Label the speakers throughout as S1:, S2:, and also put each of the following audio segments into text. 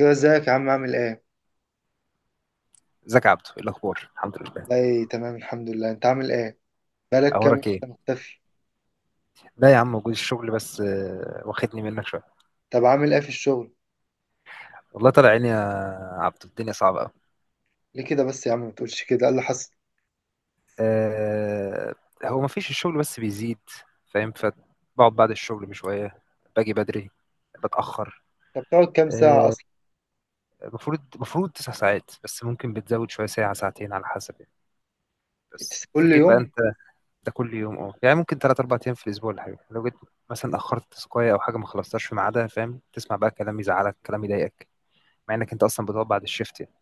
S1: ايوه، ازيك يا عم؟ عامل ايه؟
S2: ازيك يا عبدو؟ ايه الاخبار؟ الحمد لله.
S1: والله تمام الحمد لله، انت عامل ايه؟ بقالك كام يوم
S2: اخبارك ايه؟
S1: إنت مختفي؟
S2: لا يا عم، موجود. الشغل بس واخدني منك شويه.
S1: طب عامل ايه في الشغل؟
S2: والله طالع عيني يا عبدو، الدنيا صعبه قوي.
S1: ليه كده بس يا عم؟ ما تقولش كده، ايه اللي حصل؟
S2: أه هو ما فيش الشغل بس بيزيد، فاهم؟ فبقعد بعد الشغل بشويه، باجي بدري، بتاخر.
S1: طب بتقعد كام ساعه
S2: آه،
S1: اصلا؟
S2: المفروض تسع ساعات، بس ممكن بتزود شويه، ساعه ساعتين على حسب يعني. بس
S1: إتس كل
S2: فجيت بقى
S1: يوم؟
S2: انت. ده كل يوم، اه، يعني ممكن ثلاث اربع ايام في الاسبوع. ولا حاجه، لو جيت مثلا اخرت تسقايه او حاجه ما خلصتهاش في ميعادها، فاهم؟ تسمع بقى كلام يزعلك، كلام يضايقك، مع انك انت اصلا بتقعد بعد الشيفت يعني.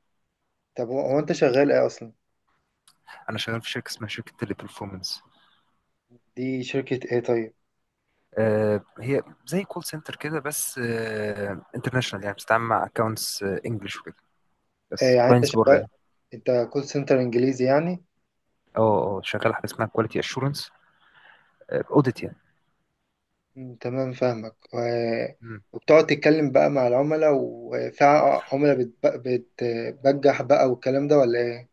S1: طب هو انت شغال ايه اصلا؟
S2: انا شغال في شركه اسمها شركه تيلي برفورمانس.
S1: دي شركه ايه طيب؟
S2: هي زي كول سنتر كده، بس انترناشونال، يعني بتتعامل مع اكونتس انجلش وكده،
S1: إيه
S2: بس
S1: يعني انت
S2: كلاينتس بره
S1: شغال؟
S2: يعني.
S1: انت كول سنتر انجليزي يعني؟
S2: اه اه، شغال حاجه اسمها كواليتي اشورنس، اوديت يعني.
S1: مم، تمام فاهمك
S2: مم.
S1: وبتقعد تتكلم بقى مع العملاء، وفي عملاء بتبجح بقى والكلام ده ولا ايه؟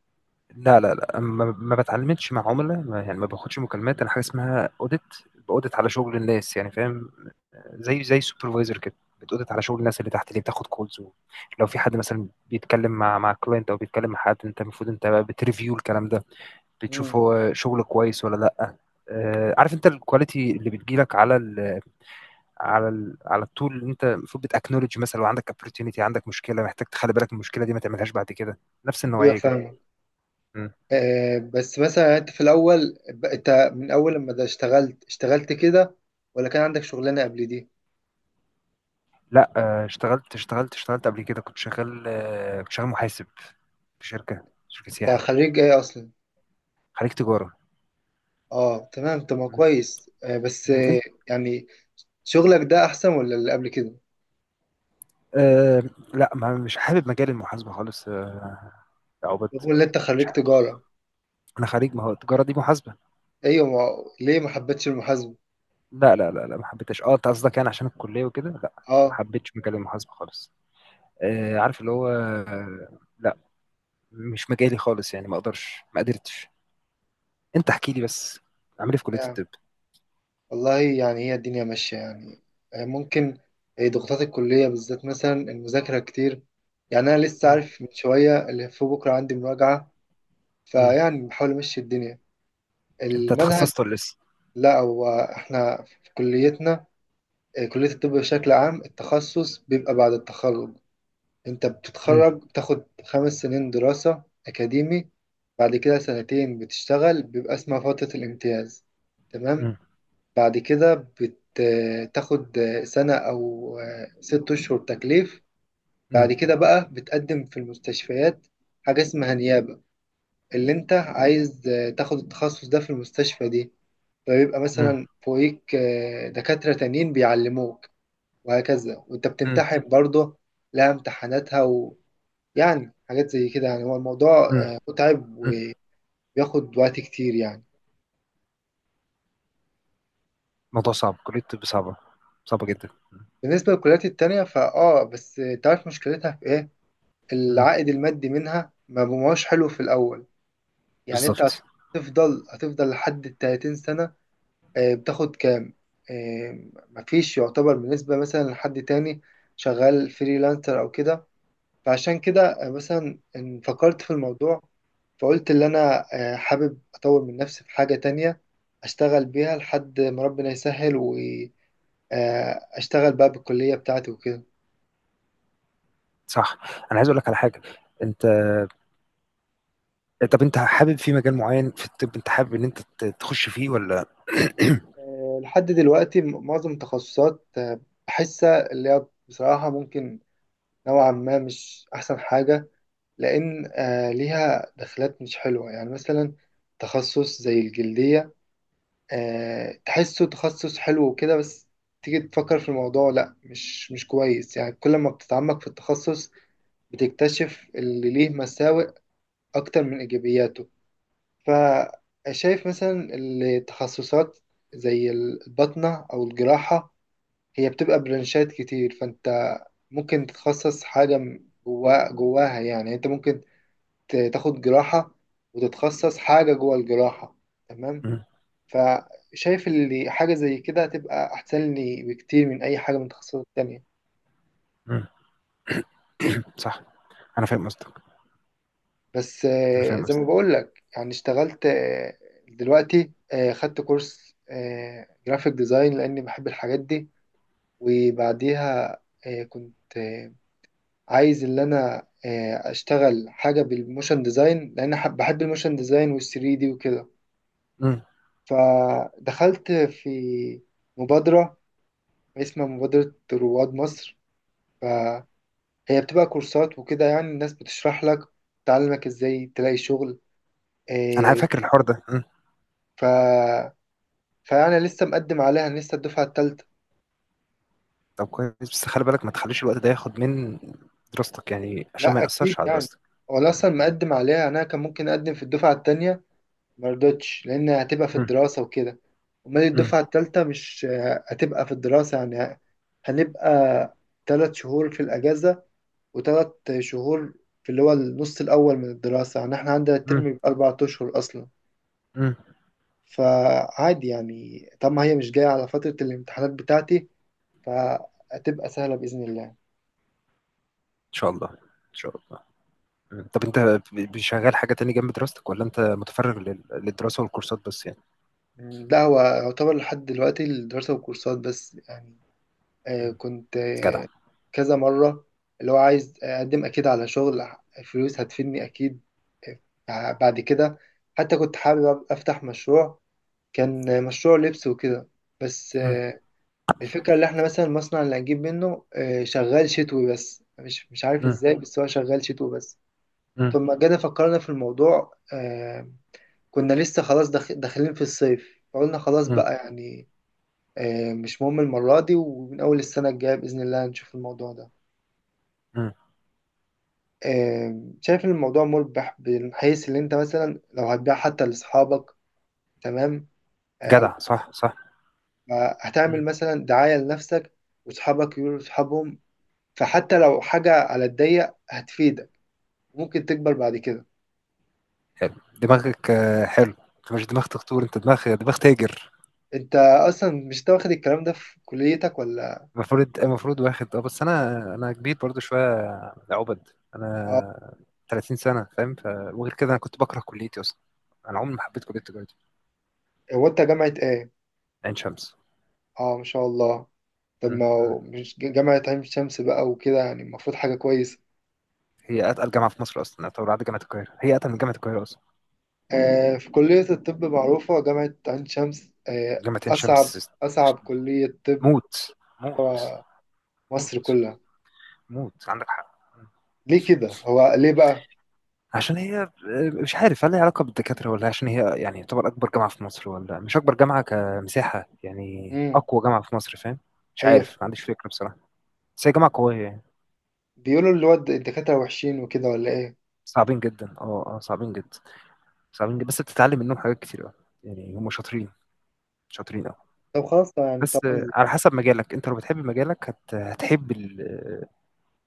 S2: لا لا لا، ما بتعلمتش مع عملاء، يعني ما باخدش مكالمات. انا حاجه اسمها اوديت، باوديت على شغل الناس، يعني فاهم؟ زي سوبرفايزر كده. بتأودت على شغل الناس اللي تحت، اللي بتاخد كولز. لو في حد مثلا بيتكلم مع كلاينت، او بيتكلم مع حد، انت المفروض انت بقى بتريفيو الكلام ده،
S1: مم،
S2: بتشوف هو شغل كويس ولا لا. عارف؟ انت الكواليتي اللي بتجيلك على ال التول، اللي انت المفروض بتاكنولج. مثلا لو عندك opportunity، عندك مشكله، محتاج تخلي بالك من المشكله دي، ما تعملهاش بعد كده. نفس
S1: ايوه
S2: النوعيه كده.
S1: فاهمك.
S2: م.
S1: بس مثلا يعني انت في الاول انت من اول لما ده اشتغلت كده، ولا كان عندك شغلانه قبل دي؟
S2: لا، اشتغلت قبل كده. كنت شغال، كنت شغال محاسب في شركه
S1: انت
S2: سياحه.
S1: خريج ايه اصلا؟
S2: خليك تجاره.
S1: اه تمام تمام
S2: م.
S1: كويس، بس
S2: م.
S1: يعني شغلك ده احسن ولا اللي قبل كده؟
S2: أه لا، ما مش حابب مجال المحاسبة خالص. يا عبد،
S1: رغم ان انت
S2: مش
S1: خريج
S2: حابب.
S1: تجاره؟
S2: انا خريج، ما هو التجارة دي محاسبة.
S1: ايوه ما... ليه ما حبيتش المحاسبه؟
S2: لا لا لا لا، ما حبيتهاش. اه، انت قصدك يعني عشان الكلية وكده؟ لا، ما
S1: اه
S2: حبيتش مجال المحاسبة خالص. عارف اللي هو، لا، مش مجالي خالص يعني. ما قدرتش. انت احكي لي بس، عامل ايه في كلية
S1: يعني.
S2: الطب؟
S1: والله يعني هي الدنيا ماشيه يعني. ممكن. ضغوطات الكليه بالذات، مثلا المذاكره كتير. يعني انا لسه
S2: مم.
S1: عارف من شويه اللي في بكره عندي مراجعه،
S2: مم.
S1: فيعني بحاول امشي الدنيا،
S2: انت
S1: المنهج.
S2: اتخصصت ولا لسه؟
S1: لا، هو احنا في كليتنا، كلية الطب بشكل عام التخصص بيبقى بعد التخرج. انت
S2: مم.
S1: بتتخرج، بتاخد 5 سنين دراسة أكاديمي. بعد كده سنتين بتشتغل، بيبقى اسمها فترة الامتياز، تمام.
S2: مم.
S1: بعد كده بتاخد سنة أو 6 أشهر تكليف.
S2: مم.
S1: بعد كده بقى بتقدم في المستشفيات، حاجة اسمها نيابة، اللي انت عايز تاخد التخصص ده في المستشفى دي. فبيبقى
S2: مم.
S1: مثلا فوقيك دكاترة تانيين بيعلموك، وهكذا، وانت
S2: مم.
S1: بتمتحن برضه، لها امتحاناتها. ويعني حاجات زي كده، يعني هو الموضوع
S2: مم.
S1: متعب،
S2: مم.
S1: وبياخد وقت كتير يعني.
S2: موضوع صعب، كلية الطب صعبة، صعبة جدا.
S1: بالنسبة للكليات التانية بس تعرف مشكلتها في ايه؟
S2: مم.
S1: العائد المادي منها ما بقاش حلو في الأول. يعني انت
S2: بالظبط.
S1: هتفضل لحد الـ30 سنة. بتاخد كام؟ مفيش يعتبر بالنسبة مثلا لحد تاني شغال فريلانسر أو كده. فعشان كده مثلا إن فكرت في الموضوع، فقلت اللي أنا حابب أطور من نفسي في حاجة تانية، أشتغل بيها لحد ما ربنا يسهل، وأشتغل بقى بالكلية بتاعتي وكده.
S2: صح. أنا عايز أقول لك على حاجة، أنت، طب أنت حابب في مجال معيّن في الطِب؟ أنت حابب إن أنت تخُش فيه والّا؟
S1: لحد دلوقتي معظم التخصصات بحسها اللي هي بصراحة، ممكن نوعا ما مش أحسن حاجة. لأن ليها دخلات مش حلوة، يعني مثلا تخصص زي الجلدية، تحسه تخصص حلو وكده، بس تيجي تفكر في الموضوع، لا مش كويس، يعني كل ما بتتعمق في التخصص بتكتشف اللي ليه مساوئ أكتر من إيجابياته. فشايف مثلا التخصصات زي الباطنة أو الجراحة، هي بتبقى برانشات كتير، فأنت ممكن تتخصص حاجة جوا جواها، يعني أنت ممكن تاخد جراحة وتتخصص حاجة جوا الجراحة، تمام.
S2: إمم.
S1: فشايف اللي حاجة زي كده هتبقى أحسن لي بكتير من أي حاجة من التخصصات التانية.
S2: إمم. صح. أنا فاهم قصدك.
S1: بس
S2: أنا فاهم
S1: زي ما
S2: قصدك.
S1: بقول لك يعني اشتغلت دلوقتي خدت كورس جرافيك ديزاين لأني بحب الحاجات دي، وبعديها كنت عايز اللي أنا أشتغل حاجة بالموشن ديزاين، لأن بحب الموشن ديزاين والثري دي وكده.
S2: إمم،
S1: فدخلت في مبادرة اسمها مبادرة رواد مصر، هي بتبقى كورسات وكده، يعني الناس بتشرح لك، تعلمك ازاي تلاقي شغل
S2: أنا
S1: إيه.
S2: فاكر الحوار ده. إمم،
S1: ف... فانا لسه مقدم عليها، أنا لسه الدفعه الثالثه.
S2: طب كويس، بس خلِّ بالك ما تخلّيش الوقت ده ياخُد من دراستك يعني، عشان ما
S1: لا اكيد
S2: يأثّرش على
S1: يعني،
S2: دراستك.
S1: وانا اصلا
S2: إمم.
S1: مقدم عليها، يعني انا كان ممكن اقدم في الدفعه الثانيه، ما رضتش لان هتبقى في
S2: إمم.
S1: الدراسه وكده. امال
S2: إمم.
S1: الدفعه الثالثه مش هتبقى في الدراسه يعني؟ هنبقى 3 شهور في الاجازه، و3 شهور في اللي هو النص الاول من الدراسه، يعني احنا عندنا
S2: إمم.
S1: الترم
S2: إمم.
S1: بيبقى 4 اشهر اصلا.
S2: إمم.
S1: فعادي يعني، طب ما هي مش جاية على فترة الامتحانات بتاعتي، فهتبقى سهلة بإذن الله.
S2: إن شاء الله، إن شاء الله. إمم، طب أنت ب شغّال حاجة تاني جنب دراستك، والّا أنت مُتفرِّغ للدراسة والكورسات بس يعني؟
S1: مم. لا هو يعتبر لحد دلوقتي الدراسة والكورسات بس يعني.
S2: إمم.
S1: كنت
S2: جدع.
S1: كذا مرة، اللي هو عايز أقدم أكيد على شغل، فلوس هتفيدني أكيد. بعد كده حتى كنت حابب أفتح مشروع، كان مشروع لبس وكده. بس
S2: إمم.
S1: الفكرة اللي احنا مثلا المصنع اللي هنجيب منه شغال شتوي بس، مش عارف
S2: إمم.
S1: ازاي، بس هو شغال شتوي بس.
S2: إمم.
S1: ثم جينا فكرنا في الموضوع، كنا لسه خلاص داخلين في الصيف، فقلنا خلاص
S2: إمم.
S1: بقى يعني، مش مهم المرة دي، ومن أول السنة الجاية بإذن الله هنشوف الموضوع ده.
S2: إمم.
S1: شايف إن الموضوع مربح، من حيث إن أنت مثلا لو هتبيع حتى لأصحابك، تمام، أو
S2: جدع، صح صح.
S1: هتعمل
S2: مم.
S1: مثلا دعاية لنفسك، وأصحابك يقولوا لأصحابهم، فحتى لو حاجة على الضيق هتفيدك، ممكن تكبر بعد كده.
S2: حلو. دماغك، حلو. انت مش دماغ تخطور، انت دماغ تاجر.
S1: أنت أصلا مش تاخد الكلام ده في كليتك، ولا؟
S2: المفروض واخد، اه، بس انا كبير برضو شويه يا عبد.
S1: آه،
S2: انا 30 سنه، فاهم؟ وغير كده انا كنت بكره كليتي اصلا، انا عمري ما حبيت كليه التجاره دي.
S1: هو أنت جامعة إيه؟
S2: عين شمس.
S1: اه ما شاء الله.
S2: مم.
S1: طب ما
S2: مم.
S1: هو مش جامعة عين شمس بقى وكده، يعني المفروض حاجة كويسة.
S2: هي اتقل جامعه في مصر اصلا، طبعا بعد جامعه القاهره. هي اتقل من جامعه القاهره اصلا.
S1: في كلية الطب معروفة جامعة عين شمس
S2: جامعه عين
S1: أصعب،
S2: شمس،
S1: أصعب كلية طب،
S2: موت. موت.
S1: آه، مصر
S2: موت.
S1: كلها.
S2: موت. عندك حق.
S1: ليه كده؟ هو ليه بقى؟
S2: عشان هي، مش عارف هل لها علاقة بالدكاترة، ولا عشان هي يعني يعتبر أكبر جامعة في مصر، ولا مش أكبر جامعة كمساحة، يعني
S1: مم.
S2: أقوى جامعة في مصر، فاهم؟ مش
S1: أيوه،
S2: عارف، ما عنديش فكرة بصراحة، بس هي جامعة قوية يعني.
S1: بيقولوا اللي هو الدكاترة وحشين وكده، ولا إيه؟
S2: صعبين جدا، اه اه، صعبين جدا، صعبين جدا. بس بتتعلم منهم حاجات كتير أوي، يعني هم شاطرين، شاطرين أوي.
S1: طب خلاص، طب يعني
S2: بس
S1: طبعا.
S2: على حسب مجالك. أنت لو بتحب مجالك هتحب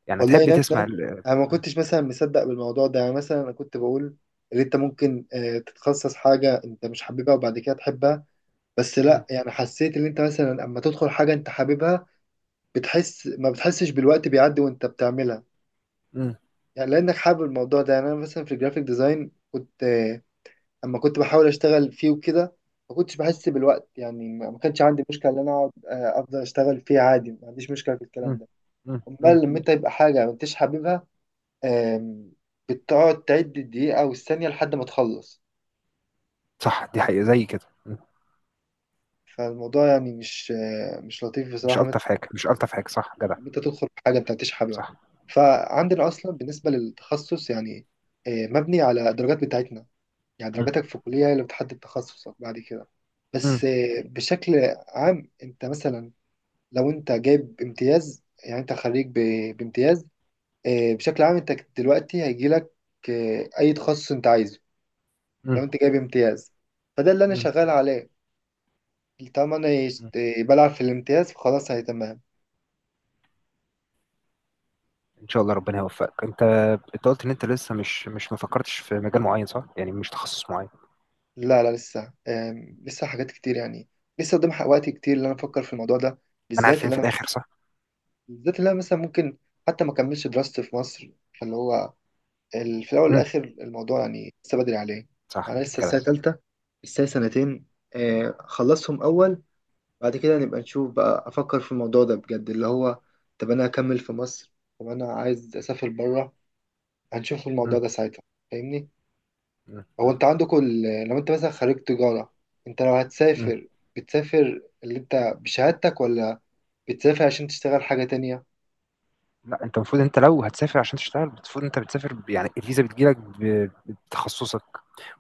S2: يعني
S1: والله
S2: هتحب
S1: نفس
S2: تسمع
S1: ده، أنا ما كنتش مثلا مصدق بالموضوع ده، يعني مثلا أنا كنت بقول إن أنت ممكن تتخصص حاجة أنت مش حاببها وبعد كده تحبها. بس
S2: م-
S1: لا، يعني حسيت ان انت مثلا اما تدخل حاجه انت حاببها، بتحس ما بتحسش بالوقت بيعدي وانت بتعملها،
S2: م-
S1: يعني لانك حابب الموضوع ده. يعني انا مثلا في الجرافيك ديزاين كنت اما كنت بحاول اشتغل فيه وكده، ما كنتش بحس بالوقت، يعني ما كانش عندي مشكله ان انا اقعد افضل اشتغل فيه عادي، ما عنديش مشكله في الكلام
S2: م-
S1: ده.
S2: م- م-
S1: امال لما انت يبقى حاجه ما انتش حاببها، آم، بتقعد تعد الدقيقه والثانيه لحد ما تخلص.
S2: صح، دي حقيقة زي كده.
S1: فالموضوع يعني مش لطيف
S2: مش
S1: بصراحه،
S2: ألطف حاجة، مش ألطف حاجة، صح جدع.
S1: انت تدخل في حاجه انت مش حاببها.
S2: صح.
S1: فعندنا اصلا بالنسبه للتخصص يعني، مبني على الدرجات بتاعتنا، يعني
S2: م.
S1: درجاتك في الكليه هي اللي بتحدد تخصصك بعد كده.
S2: مم.
S1: بس بشكل عام انت مثلا لو انت جايب امتياز، يعني انت خريج بامتياز. بشكل عام انت دلوقتي هيجي لك اي تخصص انت عايزه لو
S2: مم.
S1: انت جايب امتياز. فده اللي انا
S2: مم.
S1: شغال عليه، طالما انا
S2: مم.
S1: بلعب في الامتياز فخلاص هي تمام.
S2: ان شاء الله ربنا يوفقك. انت، انت قلت ان انت لسه مش مش ما فكرتش في مجال معين، صح؟ يعني مش تخصص معين.
S1: لا لا لسه، لسه حاجات كتير يعني، لسه قدام وقت كتير اللي انا افكر في الموضوع ده،
S2: ما انا عارف،
S1: بالذات
S2: فين
S1: اللي
S2: في
S1: انا
S2: الاخر؟ صح.
S1: بالذات اللي انا مثلا ممكن حتى ما اكملش دراستي في مصر. فاللي هو في الاول
S2: مم.
S1: والاخر الموضوع يعني لسه بدري عليه،
S2: صح
S1: انا لسه
S2: كده.
S1: السنه ثالثه، لسه سنتين، خلصهم اول، بعد كده نبقى نشوف بقى، افكر في الموضوع ده بجد اللي هو طب انا اكمل في مصر، طب انا عايز اسافر بره، هنشوف
S2: مم.
S1: الموضوع ده ساعتها. فاهمني؟
S2: مم.
S1: هو
S2: مم.
S1: انت عندكم لو انت مثلا خريج تجارة، انت لو
S2: مم.
S1: هتسافر، بتسافر اللي انت بشهادتك، ولا بتسافر عشان تشتغل حاجة تانية؟
S2: لا، انت المفروض، انت لو هتسافر عشان تشتغل، المفروض انت بتسافر يعني الفيزا بتجيلك بتخصصك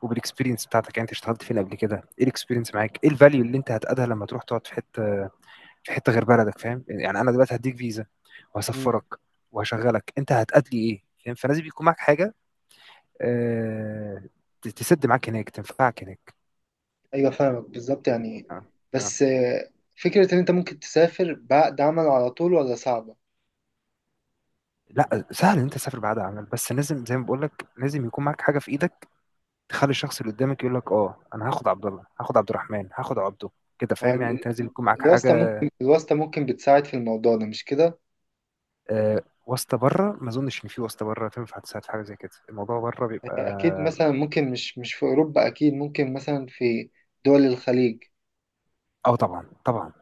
S2: وبالاكسبيرينس بتاعتك. يعني انت اشتغلت فين قبل كده، ايه الاكسبيرينس معاك، ايه الفاليو اللي انت هتقدها لما تروح تقعد في حته غير بلدك، فاهم يعني؟ انا دلوقتي هديك فيزا
S1: مم.
S2: وهسفرك وهشغلك، انت هتأدي ايه؟ فاهم؟ فلازم يكون معاك حاجه، آه، تسد معاك هناك، تنفعك هناك.
S1: ايوه فاهمك بالظبط يعني.
S2: آه، آه.
S1: بس فكرة ان انت ممكن تسافر بعقد عمل على طول ولا صعبة؟
S2: لا، سهل ان انت تسافر بعد عمل، بس لازم زي ما بقول لك، لازم يكون معاك حاجه في ايدك، تخلي الشخص اللي قدامك يقول لك اه انا هاخد عبد الله، هاخد عبد الرحمن، هاخد عبده كده،
S1: مع
S2: فاهم يعني؟ انت لازم يكون معاك حاجه.
S1: الواسطة ممكن بتساعد في الموضوع ده، مش كده؟
S2: واسطه بره ما اظنش ان في واسطه بره تنفع تساعد في حاجه زي كده. الموضوع بره
S1: يعني أكيد
S2: بيبقى،
S1: مثلا ممكن مش في أوروبا، أكيد ممكن مثلا في دول الخليج.
S2: اه طبعا طبعا.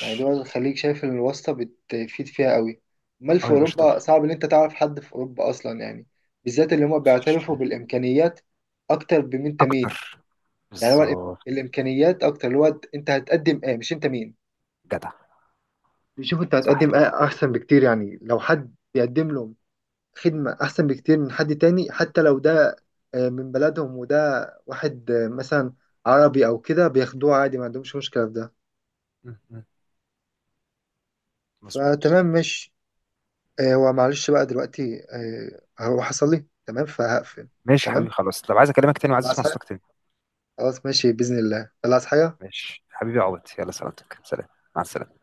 S1: يعني دول الخليج شايف ان الواسطة بتفيد فيها قوي، امال في
S2: اه يا باشا طبعا.
S1: اوروبا صعب ان انت تعرف حد في اوروبا اصلا يعني، بالذات اللي هم
S2: وش.
S1: بيعترفوا بالامكانيات اكتر، بمين انت مين.
S2: اكتر.
S1: يعني هو
S2: بالظبط.
S1: الامكانيات اكتر، اللي هو انت هتقدم ايه مش انت مين،
S2: جدع.
S1: بيشوف انت
S2: صح
S1: هتقدم
S2: كده.
S1: ايه احسن بكتير، يعني لو حد بيقدم لهم خدمة احسن بكتير من حد تاني، حتى لو ده من بلدهم وده واحد مثلا عربي او كده بياخدوه عادي، ما عندهمش مشكلة في ده.
S2: م. مظبوط.
S1: فتمام ماشي. هو معلش بقى دلوقتي، هو حصل لي تمام فهقفل.
S2: ماشي يا
S1: تمام،
S2: حبيبي، خلاص، لو عايز اكلمك تاني، وعايز
S1: خلاص
S2: اسمع
S1: حاجة،
S2: صوتك تاني.
S1: خلاص ماشي بإذن الله، خلاص حاجة.
S2: ماشي حبيبي يا عبد، يلا سلامتك، سلام. مع السلامة.